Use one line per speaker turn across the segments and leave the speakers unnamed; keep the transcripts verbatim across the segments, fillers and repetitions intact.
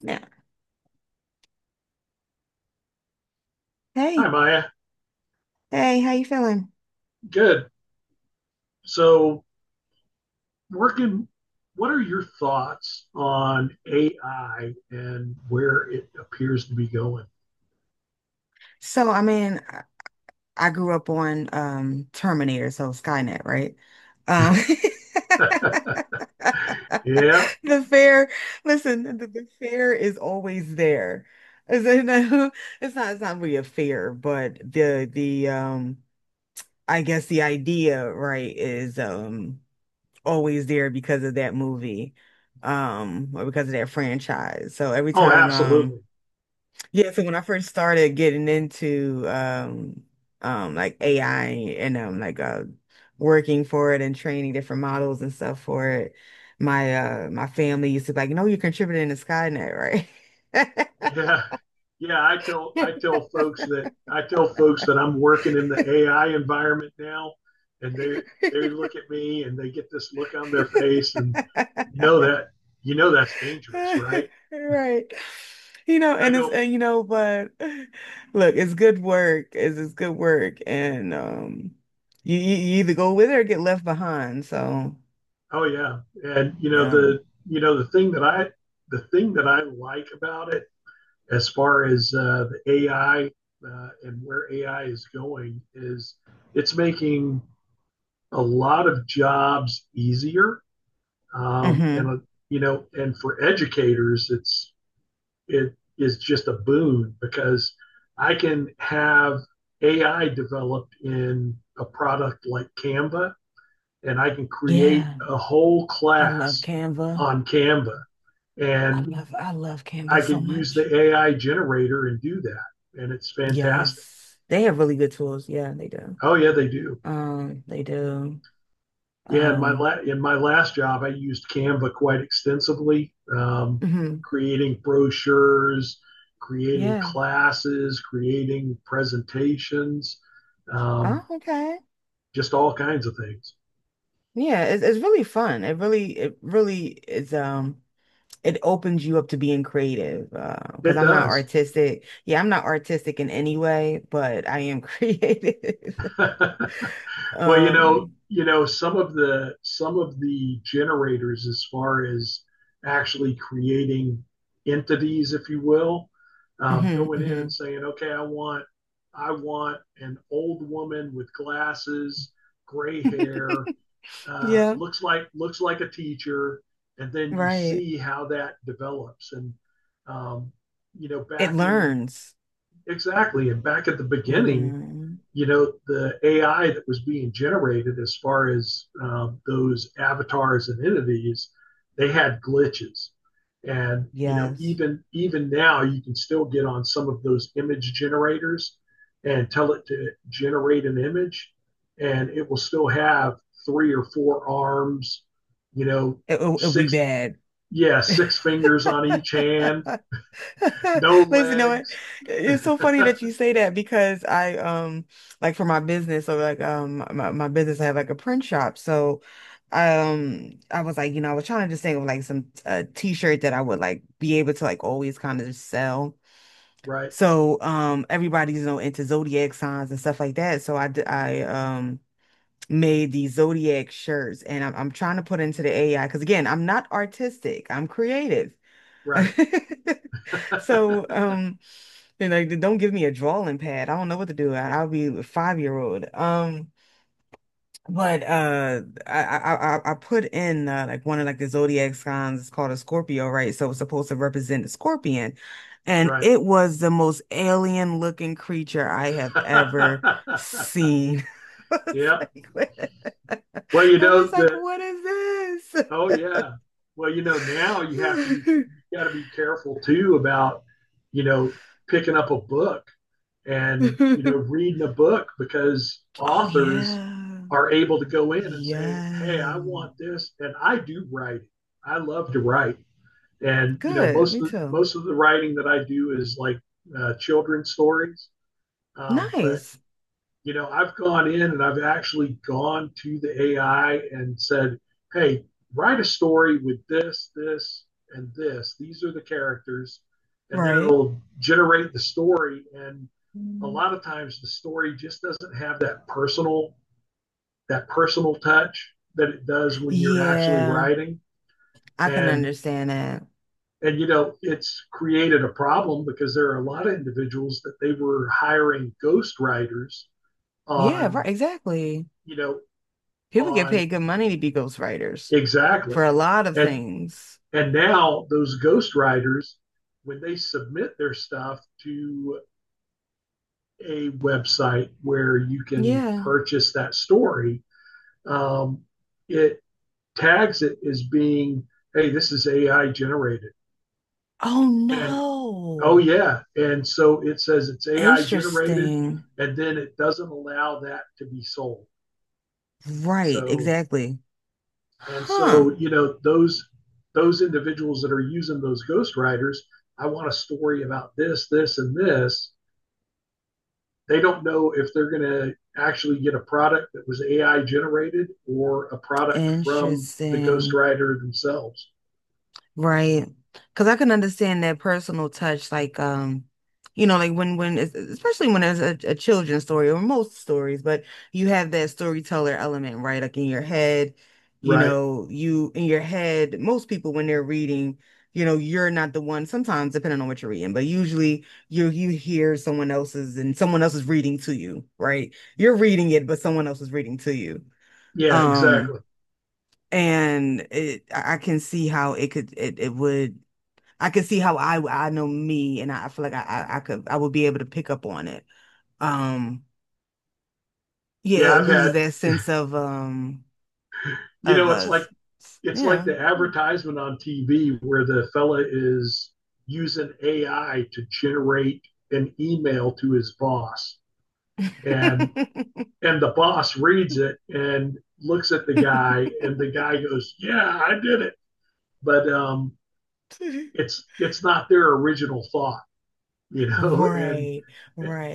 Yeah.
Hi,
Hey,
Maya.
hey, how you feeling?
Good. So, working, what are your thoughts on A I and where it appears to be going?
So, I mean, I I grew up on um Terminator, so Skynet, right? Um
Yeah.
the fear, listen, the, the fear is always there. It's, you know, it's not it's not really a fear, but the the um I guess the idea, right, is um always there because of that movie, um, or because of that franchise. So every
Oh,
time um
absolutely.
Yeah, so when I first started getting into um um like A I and um like uh working for it and training different models and stuff for it, my uh my family used to be like, no, you're contributing to Skynet,
Yeah. Yeah, I tell I
right?
tell folks that I tell folks that I'm working in the A I environment now, and they they look at me and they get this look on their face, and you know that you know that's dangerous, right?
Right. You know,
And
and
I
it's
go,
and you know, but look, it's good work. It's it's good work. And um You, you you either go with it or get left behind. So
oh yeah, and you know
yeah.
the you know the thing that I the thing that I like about it, as far as uh, the A I, uh, and where A I is going, is it's making a lot of jobs easier, um, and
Hmm.
uh, you know, and for educators, it's it is just a boon because I can have A I developed in a product like Canva and I can create
Yeah.
a whole
I love
class
Canva.
on Canva
I
and
love I love Canva
I
so
can use
much.
the A I generator and do that. And it's fantastic.
Yes. They have really good tools. Yeah, they do.
Oh yeah, they do.
Um, they do.
Yeah, in my
Um,
la- in my last job, I used Canva quite extensively, um,
mhm.
creating brochures, creating
Yeah.
classes, creating presentations, um,
Oh, okay.
just all kinds of things.
Yeah, it's it's really fun. It really it really is um it opens you up to being creative. Uh, because
It
I'm not
does.
artistic. Yeah, I'm not artistic in any way, but I am creative.
Well, you know,
Um,
you know, some of the some of the generators, as far as actually creating entities, if you will, um,
mhm,
going in and
mhm.
saying, okay, I want I want an old woman with glasses, gray hair, uh,
Yeah,
looks like looks like a teacher, and then you
right.
see how that develops. And um, you know,
It
back in
learns.
exactly. And back at the beginning,
Mm-hmm.
you know, the A I that was being generated as far as um, those avatars and entities, they had glitches. And you know,
Yes.
even even now, you can still get on some of those image generators and tell it to generate an image, and it will still have three or four arms, you know,
It, will it'll be
six
bad.
yeah, six fingers on each hand, no
Listen, you know what?
legs.
It's so funny that you say that because I um like for my business, so like um my, my business I have like a print shop. So um I was like, you know, I was trying to just think of like some uh t-shirt that I would like be able to like always kind of sell.
Right,
So um everybody's you know into zodiac signs and stuff like that. So I d- I um made these zodiac shirts and I'm, I'm trying to put into the A I because again I'm not artistic I'm creative
right.
so um and like, don't give me a drawing pad I don't know what to do I, I'll be a five year old um but uh, I I I I put in uh, like one of like the zodiac signs. It's called a Scorpio, right? So it's supposed to represent a scorpion, and
Right.
it was the most alien looking creature I have ever seen. I was
Yeah.
like, what?
Well, you
I was
know
like,
that.
what is
Oh, yeah. Well, you know now you have to be
this?
you got to be careful too about you know picking up a book and you know reading a book because
Oh
authors
yeah,
are able to go in and say, "Hey,
yeah.
I want this," and I do write. I love to write, and you know
Good,
most
me
of the,
too.
most of the writing that I do is like uh, children's stories. Um, but
Nice,
you know, I've gone in and I've actually gone to the A I and said, hey, write a story with this, this, and this. These are the characters. And then
right?
it'll generate the story. And a
Mm.
lot of times the story just doesn't have that personal, that personal touch that it does when you're actually
Yeah,
writing.
I can
And
understand that.
and you know, it's created a problem because there are a lot of individuals that they were hiring ghost writers
Yeah, right,
on,
exactly.
you know,
People get
on
paid good money to be ghostwriters
exactly.
for a lot of
And
things.
and now those ghost writers, when they submit their stuff to a website where you can
Yeah.
purchase that story, um, it tags it as being, hey, this is A I generated.
Oh
And oh
no.
yeah. And so it says it's A I generated
Interesting.
and then it doesn't allow that to be sold.
Right,
So
exactly.
and
Huh.
so, you know, those those individuals that are using those ghost writers, I want a story about this, this, and this. They don't know if they're going to actually get a product that was A I generated or a product from the ghost
Interesting.
writer themselves.
Right. Because I can understand that personal touch, like, um, you know, like when, when, es- especially when it's a, a children's story or most stories, but you have that storyteller element, right? Like in your head, you
Right.
know, you, in your head, most people when they're reading, you know, you're not the one, sometimes depending on what you're reading, but usually you, you hear someone else's and someone else is reading to you, right? You're reading it, but someone else is reading to you.
Yeah, exactly.
Um, and it, I I can see how it could, it, it would, I could see how I I know me, and I, feel like I, I I could I would be able to pick up on it. Um,
Yeah,
yeah, it
I've
loses
had,
that sense of um
you
of
know, it's like
us.
it's like
Yeah.
the advertisement on T V where the fella is using A I to generate an email to his boss. And and the boss reads it and looks at the guy and the guy goes, yeah, I did it, but um, it's it's not their original thought, you know. And
Right,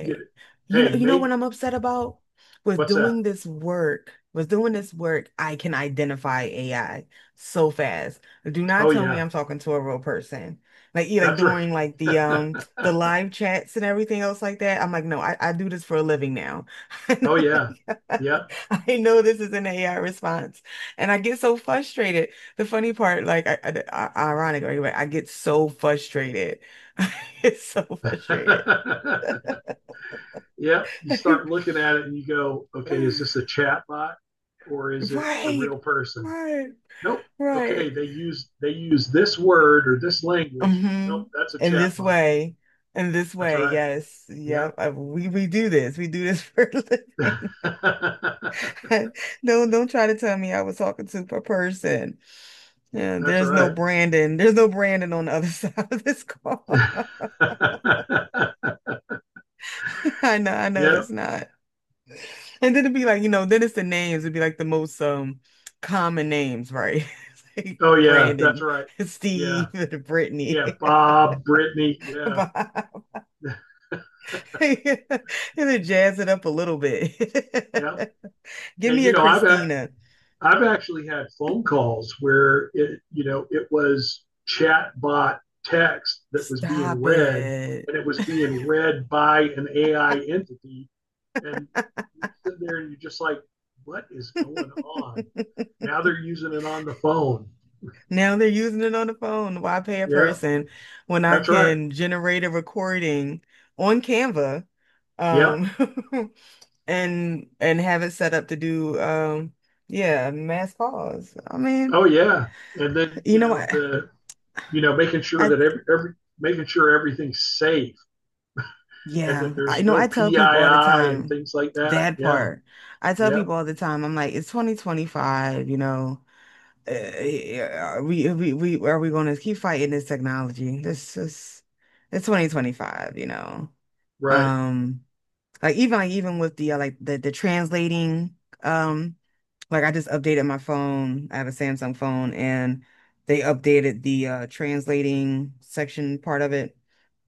you,
You know,
hey
you know what
mate,
I'm upset about? With
what's that?
doing this work, with doing this work, I can identify A I so fast. Do not
Oh
tell me
yeah,
I'm talking to a real person. Like you like
that's right.
doing like the um the live chats and everything else like that. I'm like, no, I, I do this for a living now. I
Oh
know
yeah.
like,
Yeah.
I know this is an A I response. And I get so frustrated. The funny part, like I, I, ironic, right? I get so frustrated It's so frustrated.
Yeah. You start looking at it and you go, okay, is this a chat bot or is it a
Right,
real person?
right,
Nope. Okay,
right.
they use they use this word or this language.
Hmm.
Nope, that's a
In
chat
this
bot.
way, in this
That's
way,
right.
yes,
Yeah.
yep. I- we we do this. We do this for a living. Don't don't try to tell me I was talking to a person. Yeah,
That's
there's no
right.
Brandon. There's no Brandon on the other side of this call. I know, I know
Yeah.
it's not. And then it'd be like, you know, then it's the names. It'd be like the most um common names, right? Like
Oh, yeah. That's
Brandon,
right. Yeah.
Steve,
Yeah.
Brittany,
Bob, Brittany. Yeah.
Bob. And then jazz it up a little bit.
Yeah.
Give
And,
me
you
a
know, I've, ac-
Christina.
I've actually had phone calls where it, you know, it was chat bot text that was being
Stop
read
it.
and it was being read by an A I entity. And you sit there and you're just like, what is going on? Now they're using it on the phone.
Now they're using it on the phone. Why pay a
Yeah.
person when I
That's right.
can generate a recording on Canva,
Yeah.
um, and and have it set up to do um yeah mass calls I mean
Oh yeah. And then,
you
you
know
know,
what
the you know, making
i
sure
I
that every every making sure everything's safe and that
yeah I you
there's
know
no
I tell people all the
P I I and
time
things like that.
that
Yeah.
part I tell
Yeah.
people all the time I'm like it's twenty twenty-five you know uh, are we, are we we are we going to keep fighting this technology this is it's twenty twenty-five you know
Right.
um like even like even with the uh, like the the translating um like I just updated my phone. I have a Samsung phone and they updated the uh translating section part of it.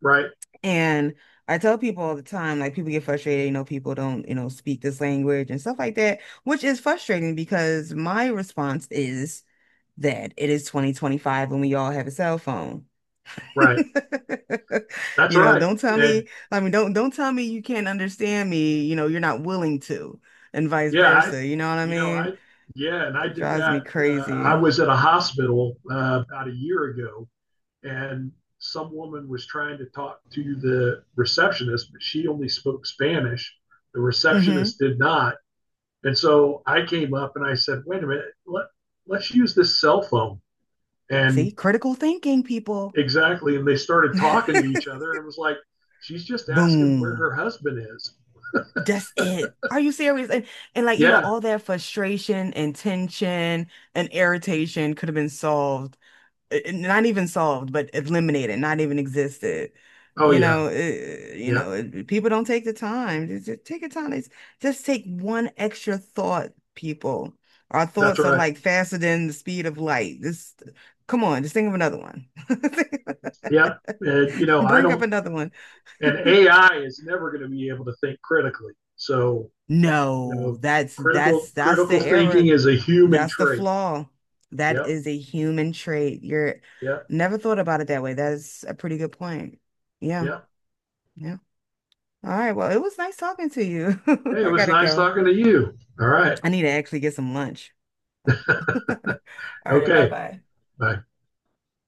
Right.
And I tell people all the time, like people get frustrated, you know, people don't, you know, speak this language and stuff like that, which is frustrating because my response is that it is twenty twenty-five and we all have a cell phone.
Right. That's
You know,
right.
don't tell
And
me, I mean, don't don't tell me you can't understand me, you know, you're not willing to, and vice
yeah, I
versa, you know what I
you know, I
mean?
yeah, and I
That
did
drives me
that, uh, I
crazy.
was at a hospital, uh, about a year ago and some woman was trying to talk to the receptionist, but she only spoke Spanish. The
Hmm.
receptionist did not. And so I came up and I said, wait a minute, let, let's use this cell phone.
See,
And
critical thinking, people.
exactly. And they started talking to each other and it was like, she's just asking where
Boom.
her husband is.
That's it. Are you serious? And and like, you know,
Yeah.
all that frustration and tension and irritation could have been solved it- not even solved, but eliminated, not even existed.
Oh,
You
yeah.
know, it, you
Yeah.
know, it- people don't take the time. Just, just take your time. It's, just take one extra thought, people. Our
That's
thoughts are
right.
like faster than the speed of light. Just come on, just think of another one.
Yeah. And, you know, I
Bring up
don't,
another one.
and A I is never going to be able to think critically. So, you
No,
know,
that's that's
critical,
that's the
critical thinking
error.
is a human
That's the
trait.
flaw. That
Yep.
is a human trait. You're
Yep.
never thought about it that way. That's a pretty good point. Yeah.
Yep.
Yeah. All right. Well, it was nice talking to you.
Hey, it
I
was
gotta
nice
go.
talking to you. All right.
I need to actually get some lunch. All right. Bye
Okay.
bye.
Bye.